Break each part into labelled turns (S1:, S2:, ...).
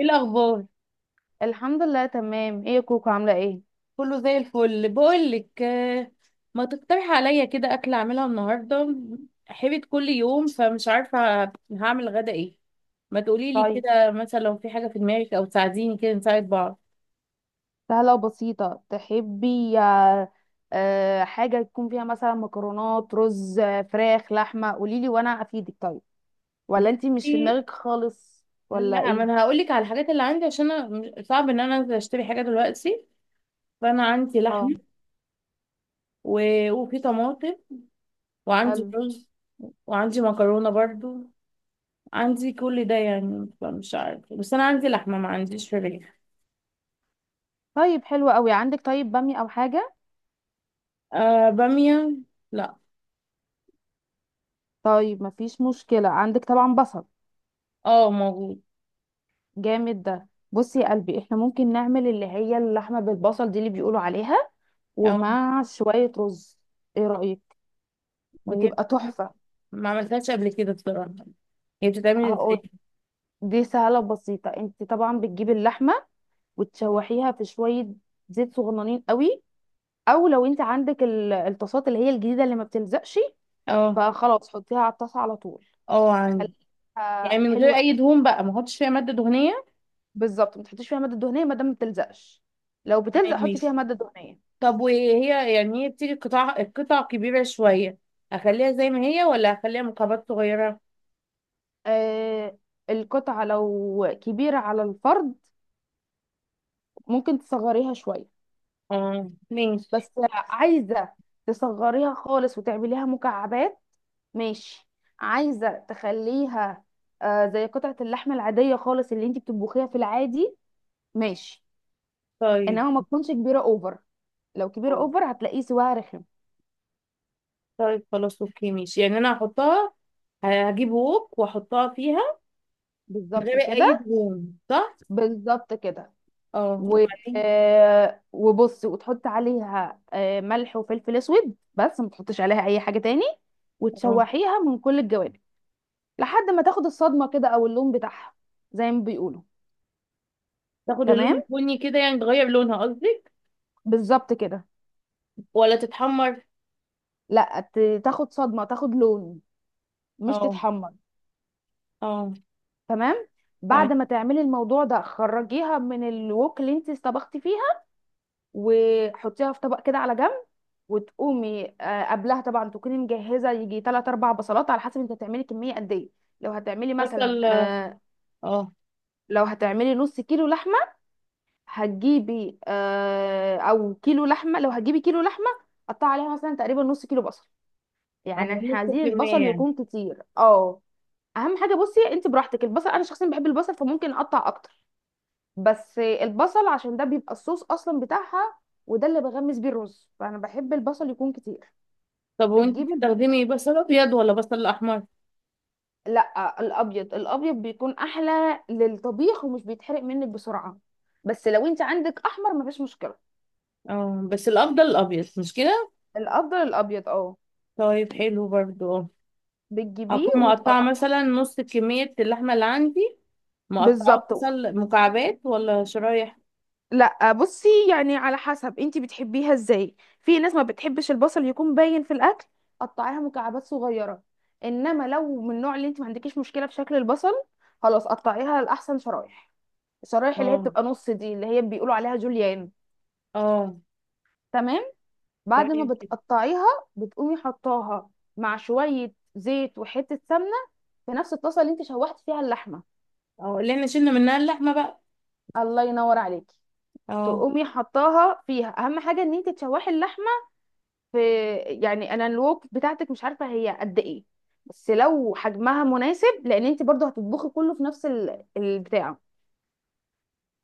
S1: ايه الاخبار؟
S2: الحمد لله تمام. ايه يا كوكو، عاملة ايه؟
S1: كله زي الفل بقول لك. ما تقترح عليا كده اكل اعملها النهارده؟ حبيت كل يوم فمش عارفه هعمل غدا ايه. ما تقولي لي
S2: طيب،
S1: كده مثلا لو في حاجه في دماغك او تساعديني كده نساعد بعض.
S2: سهلة وبسيطة تحبي حاجة يكون فيها مثلا مكرونات رز، فراخ، لحمة؟ قوليلي وانا افيدك. طيب، ولا انتي مش في
S1: بصي،
S2: دماغك خالص؟ ولا
S1: لا ما
S2: ايه؟
S1: انا هقول لك على الحاجات اللي عندي عشان أنا صعب ان انا انزل اشتري حاجه دلوقتي. فانا عندي
S2: اه.
S1: لحمه و... وفي طماطم، وعندي
S2: حلو.
S1: رز، وعندي مكرونه برضو. عندي كل ده يعني، فمش عارفه، بس انا عندي لحمه ما عنديش فراخ.
S2: طيب، حلو قوي. عندك طيب بامي او حاجة؟
S1: آه بامية، لا.
S2: طيب، مفيش مشكلة. عندك طبعا بصل؟
S1: اه موجود.
S2: جامد. ده بصي يا قلبي، احنا ممكن نعمل اللي هي اللحمة بالبصل، دي اللي بيقولوا عليها،
S1: اه
S2: ومع شوية رز. ايه رأيك؟
S1: وهي
S2: بتبقى
S1: بتتعمل-
S2: تحفة.
S1: ما عملتهاش قبل كده بصراحة. هي بتتعمل ازاي؟
S2: دي سهلة وبسيطة. انت طبعا بتجيبي اللحمة وتشوحيها في شوية زيت صغننين قوي، او لو انت عندك الطاسات اللي هي الجديدة اللي ما بتلزقش،
S1: اه،
S2: فخلاص حطيها على الطاسة على طول،
S1: اه عندي. يعني
S2: خليها
S1: من غير
S2: حلوة.
S1: اي دهون بقى، ما احطش فيها مادة دهنية؟
S2: بالظبط، ما تحطيش فيها مادة دهنية ما دام ما بتلزقش. لو
S1: تمام
S2: بتلزق حطي فيها
S1: ماشي.
S2: مادة دهنية.
S1: طب وهي يعني هي بتيجي قطع قطع كبيرة شوية، اخليها زي ما هي ولا اخليها مكعبات صغيرة؟
S2: آه، القطعة لو كبيرة على الفرد ممكن تصغريها شوية،
S1: اه ماشي.
S2: بس عايزة تصغريها خالص وتعمليها مكعبات؟ ماشي. عايزة تخليها آه زي قطعة اللحم العادية خالص اللي انت بتطبخيها في العادي؟ ماشي.
S1: طيب.
S2: انما ما تكونش كبيرة اوفر، لو كبيرة اوفر هتلاقيه سواها رخم.
S1: طيب خلاص اوكي ماشي، يعني انا هحطها، هجيب ووك واحطها فيها. من
S2: بالظبط
S1: غير اي
S2: كده،
S1: دهون، صح؟
S2: بالظبط كده.
S1: اه
S2: و...
S1: وبعدين؟
S2: آه، وبصي، وتحط عليها ملح وفلفل اسود بس، ما تحطش عليها اي حاجة تاني،
S1: اه
S2: وتشوحيها من كل الجوانب لحد ما تاخد الصدمة كده او اللون بتاعها، زي ما بيقولوا.
S1: تاخد اللون
S2: تمام،
S1: البني كده يعني، تغير لونها قصدك،
S2: بالظبط كده.
S1: ولا تتحمر؟
S2: لا، تاخد صدمة، تاخد لون، مش
S1: اه،
S2: تتحمر.
S1: اه
S2: تمام. بعد
S1: تمام.
S2: ما تعملي الموضوع ده خرجيها من الوك اللي انت طبختي فيها، وحطيها في طبق كده على جنب، وتقومي، قبلها طبعا تكوني مجهزه يجي 3 4 بصلات على حسب انت هتعملي كميه قد ايه. لو هتعملي مثلا
S1: بصل اه. اه،
S2: لو هتعملي نص كيلو لحمه هتجيبي، او كيلو لحمه، لو هتجيبي كيلو لحمه قطعي عليها مثلا تقريبا نص كيلو بصل، يعني احنا
S1: نص
S2: عايزين
S1: كمية
S2: البصل
S1: يعني؟
S2: يكون كتير. اه، اهم حاجه. بصي، انت براحتك، البصل انا شخصيا بحب البصل فممكن اقطع اكتر، بس البصل عشان ده بيبقى الصوص اصلا بتاعها، وده اللي بغمس بيه الرز، فانا بحب البصل يكون كتير.
S1: طب وانت
S2: بتجيب ال-
S1: بتستخدمي بصل ابيض ولا بصل احمر؟
S2: لا، الابيض، الابيض بيكون احلى للطبيخ ومش بيتحرق منك بسرعه، بس لو انت عندك احمر مفيش مشكله.
S1: اه، بس الافضل الابيض مش كده؟
S2: الافضل الابيض، اه.
S1: طيب حلو برضو اه.
S2: بتجيبيه
S1: هكون
S2: وتقط.
S1: مقطعة مثلا نص كمية اللحمة اللي عندي، مقطعة
S2: بالظبط.
S1: بصل مكعبات ولا شرايح؟
S2: لا بصي، يعني على حسب انتي بتحبيها ازاي. في ناس ما بتحبش البصل يكون باين في الاكل، قطعيها مكعبات صغيره. انما لو من النوع اللي انتي ما عندكيش مشكله في شكل البصل، خلاص قطعيها لاحسن شرايح. الشرايح اللي هي
S1: اه،
S2: بتبقى نص دي اللي هي بيقولوا عليها جوليان.
S1: اه
S2: تمام. بعد
S1: تمام
S2: ما
S1: كده.
S2: بتقطعيها بتقومي حطاها مع شويه زيت وحته سمنه في نفس الطاسه اللي انتي شوحتي فيها اللحمه.
S1: اه اللي احنا شلنا منها اللحمة بقى.
S2: الله ينور عليكي.
S1: اه،
S2: تقومي حطاها فيها. اهم حاجه ان انتي تشوحي اللحمه في، يعني انا الوك بتاعتك مش عارفه هي قد ايه، بس لو حجمها مناسب، لان انت برضو هتطبخي كله في نفس البتاع.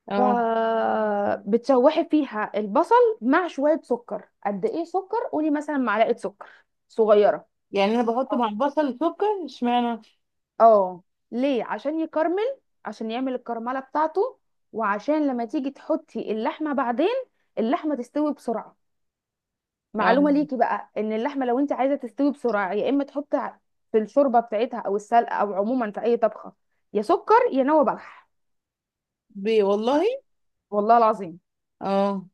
S1: اه.
S2: فبتشوحي فيها البصل مع شويه سكر. قد ايه سكر؟ قولي مثلا معلقه سكر صغيره.
S1: يعني انا بحط
S2: اه.
S1: مع البصل سكر، اشمعنى؟
S2: آه. ليه؟ عشان يكرمل، عشان يعمل الكرمله بتاعته، وعشان لما تيجي تحطي اللحمه بعدين اللحمه تستوي بسرعه.
S1: اه،
S2: معلومه ليكي بقى، ان اللحمه لو انت عايزه تستوي بسرعه يا اما تحطي في الشوربه بتاعتها او السلقه، او عموما في اي طبخه، يا سكر يا نوى بلح.
S1: بي والله؟
S2: والله العظيم.
S1: اه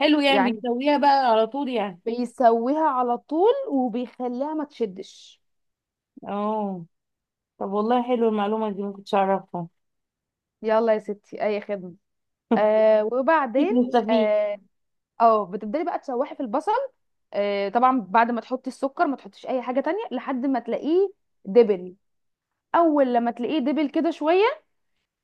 S1: حلو، يعني
S2: يعني
S1: بيسويها بقى على طول يعني.
S2: بيسويها على طول وبيخليها ما تشدش.
S1: اه طب والله حلو المعلومة دي، ما كنتش اعرفها.
S2: يلا يا ستي، اي خدمه. آه،
S1: هيك
S2: وبعدين،
S1: مستفيد.
S2: اه، بتبدأي بقى تشوحي في البصل. طبعا بعد ما تحطي السكر ما تحطيش اي حاجه تانية لحد ما تلاقيه دبل. اول لما تلاقيه دبل كده شويه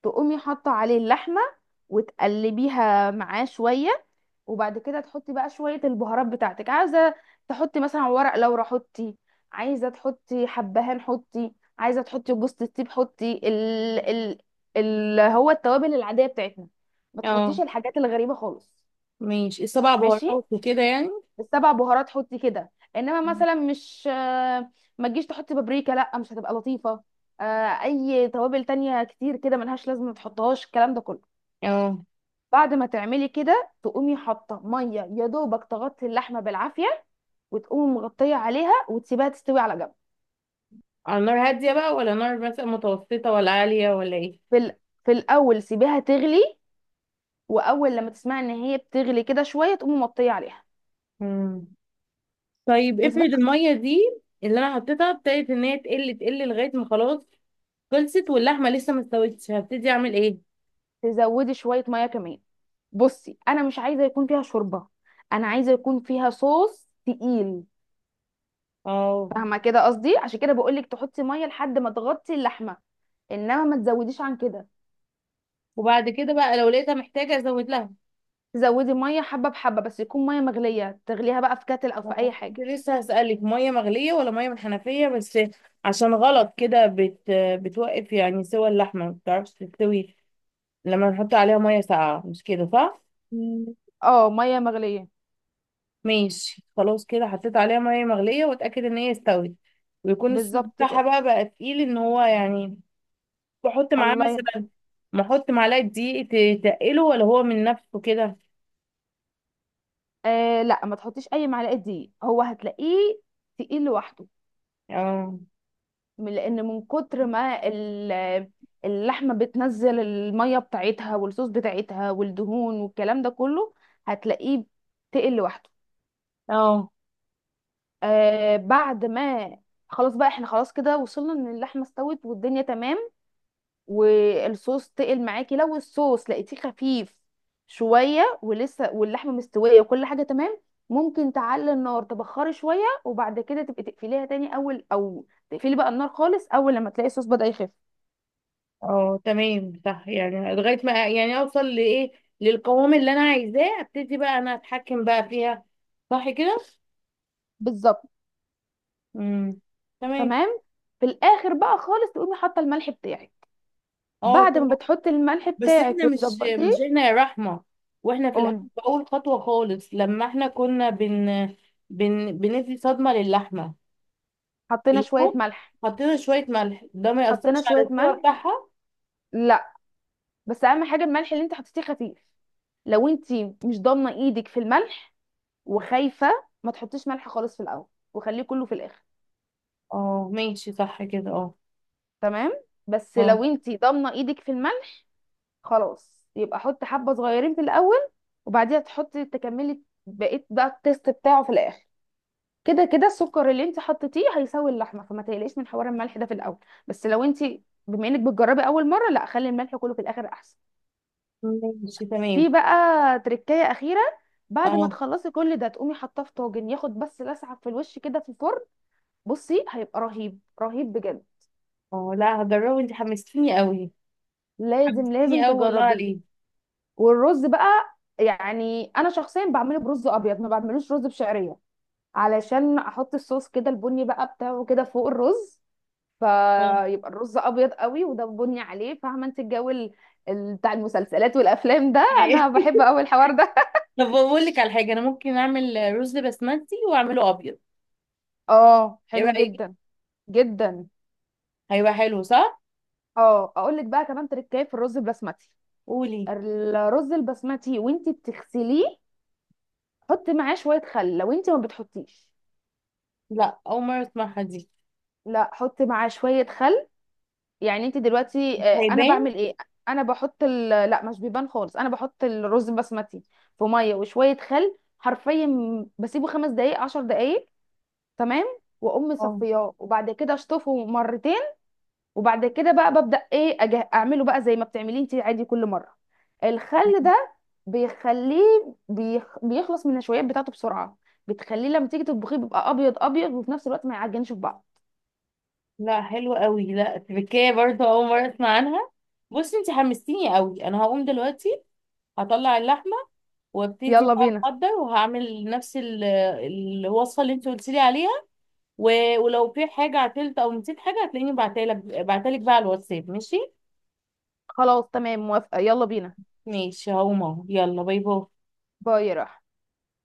S2: تقومي حاطه عليه اللحمه وتقلبيها معاه شويه، وبعد كده تحطي بقى شويه البهارات بتاعتك. عايزه تحطي مثلا ورق لورا حطي، عايزه تحطي حبهان حطي، عايزه تحطي جوز الطيب حطي ال ال هو التوابل العاديه بتاعتنا. ما
S1: اه
S2: تحطيش الحاجات الغريبه خالص.
S1: ماشي، السبع
S2: ماشي.
S1: بهارات وكده يعني.
S2: السبع بهارات حطي كده، انما مثلا مش، ما تجيش تحطي بابريكا، لا مش هتبقى لطيفه. آه، اي توابل تانية كتير كده ملهاش لازمه، ما تحطهاش الكلام ده كله.
S1: اه،
S2: بعد ما تعملي كده تقومي حاطه ميه يا دوبك تغطي اللحمه بالعافيه، وتقومي مغطيه عليها وتسيبها تستوي على جنب.
S1: على نار هادية بقى ولا نار مثلا متوسطة ولا عالية ولا ايه؟
S2: في ال... في الاول سيبيها تغلي، واول لما تسمعي ان هي بتغلي كده شويه تقومي مغطيه عليها
S1: مم. طيب افرض
S2: وسيبها.
S1: المية دي اللي انا حطيتها ابتدت ان هي تقل تقل لغاية ما خلاص خلصت، واللحمة لسه ما استوتش، هبتدي اعمل ايه؟
S2: تزودي شويه ميه كمان. بصي، انا مش عايزه يكون فيها شوربه، انا عايزه يكون فيها صوص تقيل.
S1: اه،
S2: فاهمه كده قصدي؟ عشان كده بقول لك تحطي ميه لحد ما تغطي اللحمه، انما ما تزوديش عن كده.
S1: وبعد كده بقى لو لقيتها محتاجة ازود لها؟
S2: تزودي ميه حبه بحبه، بس يكون ميه مغليه، تغليها بقى في كاتل او في اي
S1: كنت
S2: حاجه.
S1: لسه هسألك، مية مغلية ولا مية من الحنفية بس، عشان غلط كده بتوقف يعني، سوى اللحمة ما بتعرفش تستوي لما نحط عليها مية ساقعة، مش كده صح؟
S2: مم. اه، ميه مغليه.
S1: ماشي خلاص كده، حطيت عليها مية مغلية واتأكد ان هي استوت، ويكون الصوص
S2: بالظبط
S1: بتاعها
S2: كده.
S1: بقى تقيل ان هو يعني. بحط معاه
S2: الله ينور.
S1: مثلا، بحط معلقة دقيق، تقله ولا هو من نفسه كده؟
S2: آه لا، ما تحطيش اي معلقه دقيق، هو هتلاقيه تقيل لوحده.
S1: اه،
S2: لان من كتر ما اللحمه بتنزل الميه بتاعتها والصوص بتاعتها والدهون والكلام ده كله، هتلاقيه تقل لوحده.
S1: اه،
S2: آه، بعد ما، خلاص بقى، احنا خلاص كده وصلنا ان اللحمه استوت والدنيا تمام والصوص تقل معاكي. لو الصوص لقيتيه خفيف شويه ولسه واللحمه مستويه وكل حاجه تمام، ممكن تعلي النار تبخري شويه، وبعد كده تبقي تقفليها تاني، اول او تقفلي بقى النار خالص اول لما تلاقي الصوص بدأ يخف.
S1: اه تمام صح يعني، لغاية ما يعني اوصل لايه، للقوام اللي انا عايزاه ابتدي بقى انا اتحكم بقى فيها، صح كده؟
S2: بالظبط.
S1: امم تمام.
S2: تمام. في الاخر بقى خالص تقومي حاطه الملح بتاعك.
S1: اه
S2: بعد
S1: كده.
S2: ما بتحطي الملح
S1: بس
S2: بتاعك
S1: احنا مش
S2: وتظبطيه.
S1: احنا يا رحمة، واحنا في الاول،
S2: قولي.
S1: في اول خطوة خالص، لما احنا كنا بن بن بندي صدمة للحمة في
S2: حطينا شويه
S1: الفوق،
S2: ملح.
S1: حطينا شوية ملح ده ما
S2: حطينا
S1: يأثرش على
S2: شويه
S1: السوا
S2: ملح
S1: بتاعها؟
S2: لا، بس اهم حاجه الملح اللي انت حطيتيه خفيف. لو انت مش ضامنه ايدك في الملح وخايفه، ما تحطيش ملح خالص في الاول وخليه كله في الاخر.
S1: اه ماشي صح كده اه.
S2: تمام. بس
S1: اه
S2: لو انتي ضامنه ايدك في الملح، خلاص يبقى حطي حبه صغيرين في الاول، وبعديها تحطي تكملي بقيت بقى التيست بتاعه في الاخر. كده كده السكر اللي انت حطيتيه هيساوي اللحمه، فما تقلقيش من حوار الملح ده في الاول. بس لو انت، بما انك بتجربي اول مره، لا خلي الملح كله في الاخر احسن.
S1: ماشي تمام.
S2: في بقى تركايه اخيره، بعد ما
S1: اه،
S2: تخلصي كل ده تقومي حاطاه في طاجن ياخد بس لسعه في الوش كده في الفرن. بصي، هيبقى رهيب رهيب بجد.
S1: اه لا هجربه، انت حمستيني قوي.
S2: لازم
S1: حمستيني
S2: لازم
S1: قوي والله
S2: تجربيه.
S1: عليه.
S2: والرز بقى، يعني انا شخصيا بعمله برز ابيض، ما بعملوش رز بشعريه، علشان احط الصوص كده البني بقى بتاعه كده فوق الرز،
S1: آه.
S2: فيبقى الرز ابيض قوي وده بني عليه. فاهمه انت الجو بتاع المسلسلات والافلام ده؟
S1: أيوة.
S2: انا بحب قوي الحوار ده.
S1: طب بقول لك على حاجه، انا ممكن اعمل رز بسمتي واعمله ابيض،
S2: اه
S1: ايه
S2: حلو
S1: رايك؟
S2: جدا. جدا.
S1: هيبقى حلو صح؟
S2: اه اقول لك بقى كمان تركايه في الرز البسمتي.
S1: قولي.
S2: الرز البسمتي وانت بتغسليه حطي معاه شويه خل لو انت ما بتحطيش.
S1: لا اول مره اسمعها دي.
S2: لا، حط معاه شوية خل. يعني انت دلوقتي، انا
S1: هيبان.
S2: بعمل ايه؟ انا بحط لا، مش بيبان خالص. انا بحط الرز البسمتي في مية وشوية خل حرفيا، بسيبه 5 دقايق، 10 دقايق. تمام. واقوم
S1: اه
S2: مصفياه، وبعد كده اشطفه مرتين، وبعد كده بقى ببدأ ايه اعمله بقى زي ما بتعمليه انت عادي كل مرة. الخل ده بيخليه، بيخلص من النشويات بتاعته بسرعة. بتخليه لما تيجي تطبخيه بيبقى ابيض ابيض، وفي نفس الوقت ما يعجنش في بعض.
S1: لا حلو قوي، لا تركية برضه اول مره اسمع عنها. بصي انت حمستيني قوي، انا هقوم دلوقتي، هطلع اللحمه، وابتدي
S2: يلا
S1: بقى
S2: بينا.
S1: احضر، وهعمل نفس الوصفه اللي انت قلت لي عليها. ولو في حاجه عطلت او نسيت حاجه، هتلاقيني بعتلك بقى على الواتساب ماشي.
S2: خلاص تمام، موافقة، يلا بينا.
S1: ماشي هقوم اهو، يلا باي باي.
S2: باي يا راح.